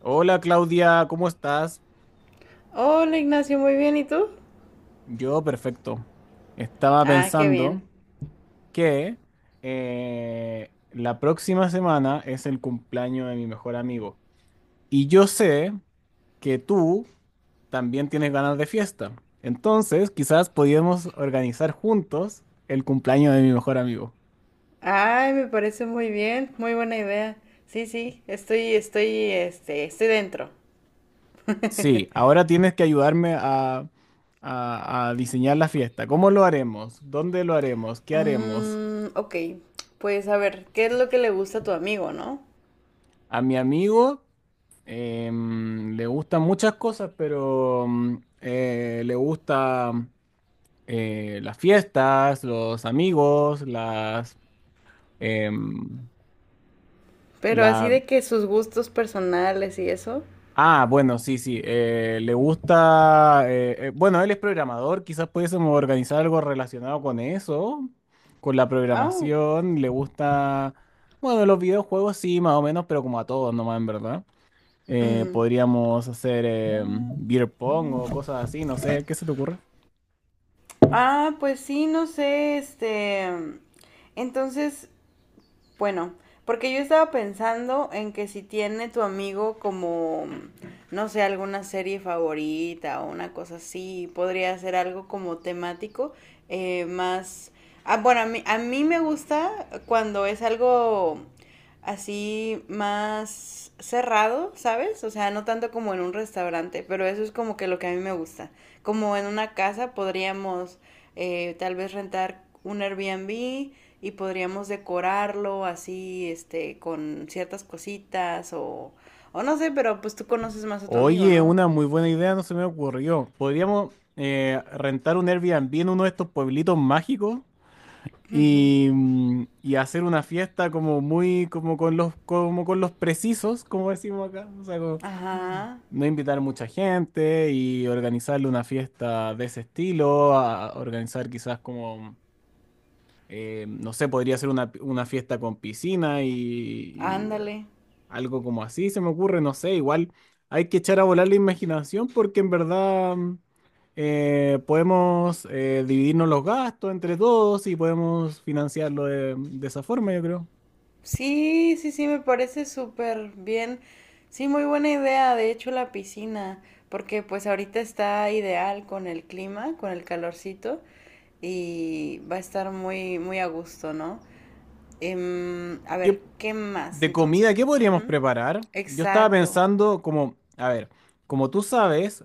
Hola Claudia, ¿cómo estás? Hola Ignacio, muy bien, ¿y tú? Yo perfecto. Estaba Ah, qué pensando bien. que la próxima semana es el cumpleaños de mi mejor amigo. Y yo sé que tú también tienes ganas de fiesta. Entonces, quizás podíamos organizar juntos el cumpleaños de mi mejor amigo. Ay, me parece muy bien, muy buena idea. Sí, sí, estoy dentro. Sí, ahora tienes que ayudarme a diseñar la fiesta. ¿Cómo lo haremos? ¿Dónde lo haremos? ¿Qué haremos? Mm, ok, pues a ver, ¿qué es lo que le gusta a tu amigo, no? A mi amigo. Le gustan muchas cosas, pero le gusta las fiestas, los amigos, las... em, Pero así la... de que sus gustos personales y eso. Ah, bueno, sí, sí. Le gusta... bueno, él es programador, quizás pudiésemos organizar algo relacionado con eso, con la Oh, programación. Le gusta... Bueno, los videojuegos sí, más o menos, pero como a todos nomás, en verdad. Mm. Podríamos hacer beer pong o cosas así, no sé, ¿qué se te ocurre? Ah, pues sí, no sé, Entonces, Bueno, porque yo estaba pensando en que si tiene tu amigo como, no sé, alguna serie favorita o una cosa así, podría ser algo como temático, eh, más... Ah, bueno, a mí me gusta cuando es algo así más cerrado, ¿sabes? O sea, no tanto como en un restaurante, pero eso es como que lo que a mí me gusta. Como en una casa podríamos tal vez rentar un Airbnb y podríamos decorarlo así, este, con ciertas cositas o no sé, pero pues tú conoces más a tu amigo, Oye, ¿no? una muy buena idea no se me ocurrió. Podríamos rentar un Airbnb en uno de estos pueblitos mágicos Ujú. y, y hacer una fiesta como muy, como con los precisos, como decimos acá. O sea, como Ajá, no invitar mucha gente y organizarle una fiesta de ese estilo, a organizar quizás como no sé, podría ser una fiesta con piscina y, ándale. algo como así se me ocurre, no sé, igual hay que echar a volar la imaginación porque en verdad podemos dividirnos los gastos entre todos y podemos financiarlo de esa forma, yo creo. Sí, sí, sí, me parece súper bien. Sí, muy buena idea, de hecho, la piscina, porque pues ahorita está ideal con el clima, con el calorcito y va a estar muy a gusto, ¿no? Em, a ver, ¿qué más De comida, entonces? ¿qué podríamos Ujú. preparar? Yo estaba Exacto. pensando como, a ver, como tú sabes,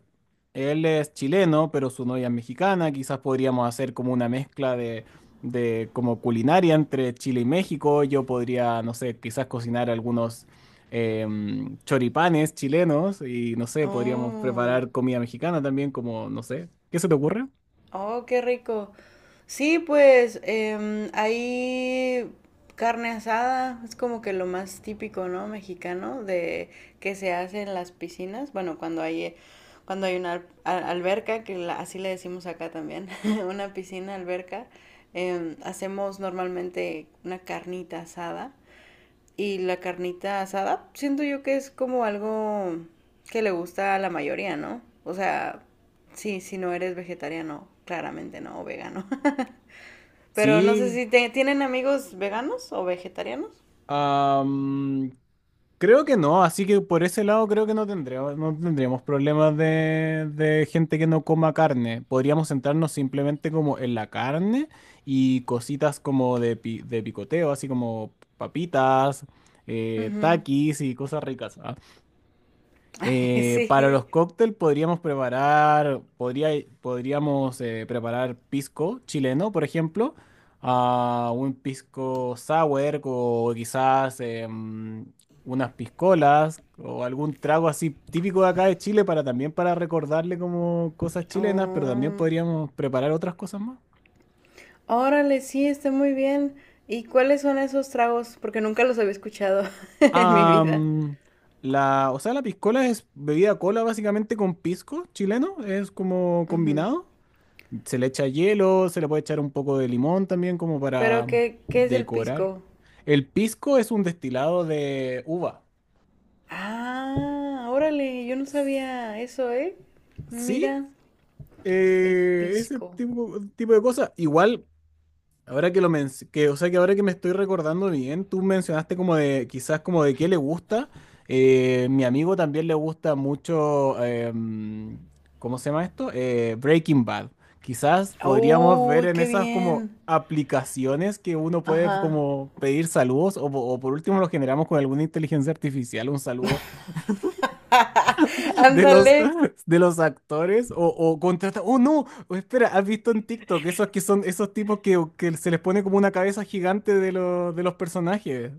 él es chileno, pero su novia es mexicana, quizás podríamos hacer como una mezcla de como culinaria entre Chile y México. Yo podría, no sé, quizás cocinar algunos choripanes chilenos y no sé, podríamos Oh, preparar comida mexicana también, como, no sé, ¿qué se te ocurre? oh, qué rico. Sí, pues em, ahí carne asada es como que lo más típico, ¿no? Mexicano de que se hace en las piscinas. Bueno, cuando hay una alberca, que así le decimos acá también, una piscina, alberca, em, hacemos normalmente una carnita asada. Y la carnita asada, siento yo que es como algo que le gusta a la mayoría, ¿no? O sea, sí, si no eres vegetariano, claramente no, o vegano. Pero no sé Sí, si tienen amigos veganos o vegetarianos. Am, creo que no, así que por ese lado creo que no tendríamos, no tendríamos problemas de gente que no coma carne. Podríamos centrarnos simplemente como en la carne y cositas como de, de picoteo, así como papitas, taquis y cosas ricas. Para los Sí. cócteles podríamos preparar, podríamos preparar pisco chileno, por ejemplo, ah, un pisco sour o quizás unas piscolas o algún trago así típico de acá de Chile para también para recordarle como cosas chilenas, pero también Oh, podríamos preparar otras cosas más. órale, sí, está muy bien. ¿Y cuáles son esos tragos? Porque nunca los había escuchado en mi vida. Am, la, o sea, la piscola es bebida cola básicamente con pisco chileno, es como Ujú. combinado. Se le echa hielo, se le puede echar un poco de limón también como Pero, para ¿qué es el decorar. pisco? El pisco es un destilado de uva. Ah, órale, yo no sabía eso, ¿eh? ¿Sí? Mira, el Ese pisco. tipo, tipo de cosas. Igual ahora que lo o sea que ahora que me estoy recordando bien, tú mencionaste como de, quizás como de qué le gusta. Mi amigo también le gusta mucho, ¿cómo se llama esto? Breaking Bad. Quizás podríamos ver Uy, en qué esas como bien. aplicaciones que uno puede Ajá. como pedir saludos o, o por último lo generamos con alguna inteligencia artificial, un saludo Ándale. de los actores o contrata. Oh, no, oh, espera, ¿has visto en TikTok esos que son esos tipos que se les pone como una cabeza gigante de los personajes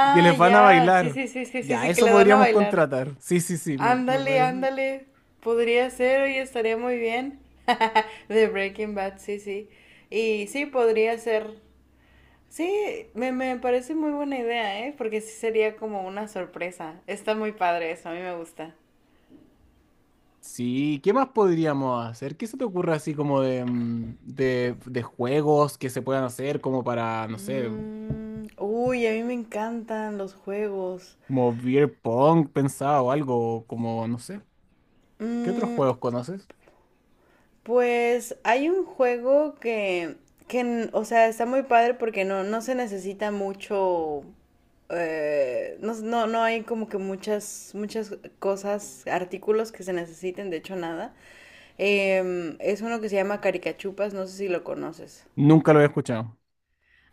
y que les van a ya. Sí, bailar? sí, sí, sí, sí, Ya, sí, que eso le van a podríamos bailar. contratar. Sí, sí, sí, me Ándale, parece. ándale. Podría ser, oye, estaría muy bien. De Breaking Bad, sí, sí. Y sí, podría ser. Sí, me parece muy buena idea, ¿eh? Porque sí sería como una sorpresa. Está muy padre eso, a mí me gusta. Sí, ¿qué más podríamos hacer? ¿Qué se te ocurre así como de, de juegos que se puedan hacer como para, no sé, Mm, uy, a mí me encantan los juegos. como beer pong pensado o algo, como, no sé. ¿Qué otros Mm, juegos conoces? pues hay un juego o sea, está muy padre porque no se necesita mucho, no hay como que muchas cosas, artículos que se necesiten, de hecho nada. Em, es uno que se llama Caricachupas, no sé si lo conoces. Nunca lo he escuchado.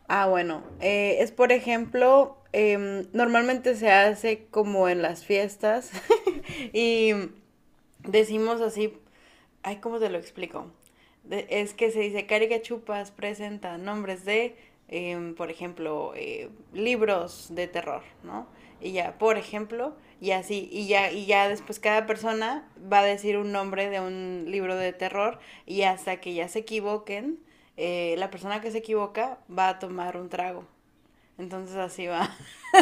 Ah, bueno, es por ejemplo, em, normalmente se hace como en las fiestas y decimos así, ay, ¿cómo te lo explico? Es que se dice, Carica Chupas presenta nombres de, em, por ejemplo, libros de terror, ¿no? Y ya, por ejemplo, y así, y ya después cada persona va a decir un nombre de un libro de terror y hasta que ya se equivoquen, la persona que se equivoca va a tomar un trago. Entonces así va.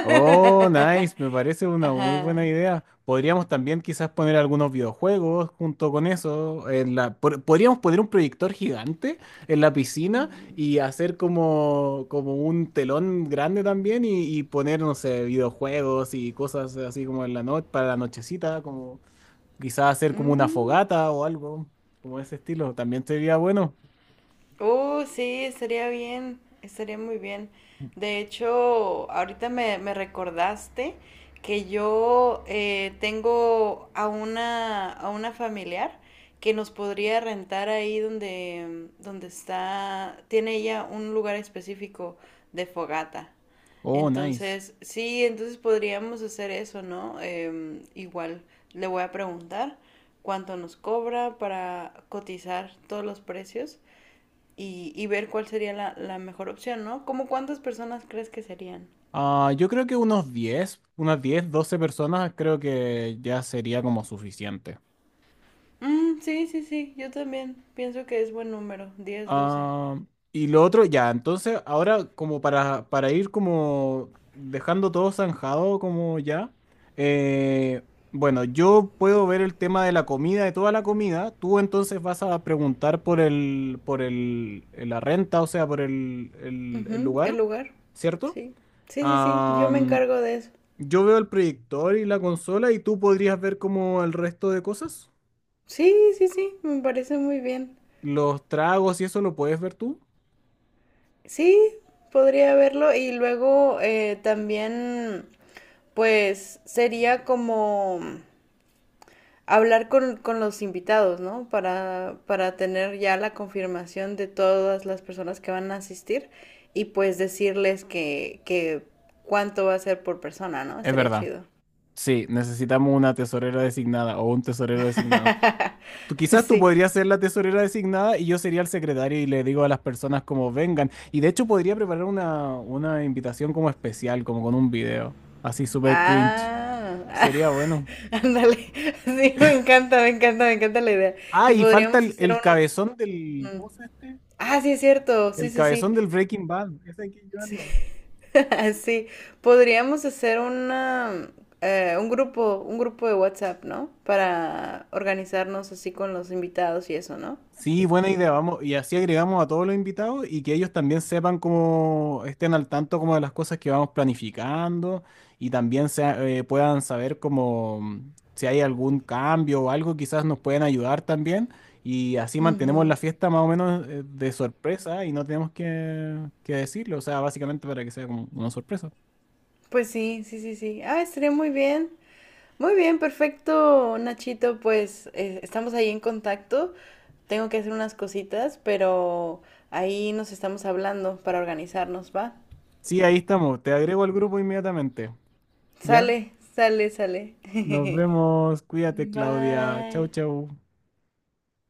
Oh, nice, me parece una muy Ajá. buena idea. Podríamos también quizás poner algunos videojuegos junto con eso. En la, podríamos poner un proyector gigante en la piscina y hacer como, como un telón grande también y poner, no sé, videojuegos y cosas así como en la noche, para la nochecita, como quizás hacer como una Mm. fogata o algo, como ese estilo. También sería bueno. Sí, estaría muy bien. De hecho, ahorita me recordaste que yo tengo a a una familiar que nos podría rentar ahí donde está, tiene ella un lugar específico de fogata. Oh, nice. Entonces, sí, entonces podríamos hacer eso, ¿no? Em, igual le voy a preguntar cuánto nos cobra para cotizar todos los precios y ver cuál sería la mejor opción, ¿no? ¿Cómo cuántas personas crees que serían? Ah, yo creo que unos 10, unas 10, 12 personas creo que ya sería como suficiente. Mm, sí, sí, sí, yo también pienso que es buen número, 10 12. Ah, y lo otro, ya, entonces ahora como para ir como dejando todo zanjado como ya, eh, bueno, yo puedo ver el tema de la comida, de toda la comida, tú entonces vas a preguntar por el, la renta, o sea, por el, el Ujú, el lugar, lugar, ¿cierto? sí. Sí, sí, sí, yo Ah, me encargo de eso. yo veo el proyector y la consola y tú podrías ver como el resto de cosas. Sí, sí, sí, me parece muy bien. Los tragos y eso lo puedes ver tú. Sí, podría verlo y luego también, pues sería como hablar con los invitados, ¿no? Para tener ya la confirmación de todas las personas que van a asistir y pues decirles que cuánto va a ser por persona, ¿no? Es Estaría verdad. chido. Sí, necesitamos una tesorera designada o un tesorero designado. Tú, quizás tú Sí. podrías ser la tesorera designada y yo sería el secretario y le digo a las personas como vengan. Y de hecho podría preparar una invitación como especial, como con un video. Así súper cringe. Ah. Sería bueno. Ándale. Sí, me encanta, me encanta, me encanta la idea. Ah, Y y falta podríamos hacer el un... cabezón del... ¿Cómo se llama este? Ah, sí, es cierto. Sí, El sí, sí. cabezón del Breaking Bad. Ese hay que Sí. llevarlo. Sí, podríamos hacer una, un grupo de WhatsApp, ¿no? Para organizarnos así con los invitados y eso, ¿no? Sí, buena idea, vamos, y así agregamos a todos los invitados y que ellos también sepan cómo estén al tanto como de las cosas que vamos planificando y también puedan saber como si hay algún cambio o algo, quizás nos pueden ayudar también y así mantenemos Ujú. la fiesta más o menos de sorpresa y no tenemos que decirlo, o sea, básicamente para que sea como una sorpresa. Pues sí, sí, sí, sí. Ah, estaría muy bien. Muy bien, perfecto, Nachito. Pues estamos ahí en contacto. Tengo que hacer unas cositas, pero ahí nos estamos hablando para organizarnos, ¿va? Sí, ahí estamos, te agrego al grupo inmediatamente, ¿ya? Sale, sale, sale. Nos vemos, cuídate Claudia, chau Bye. chau.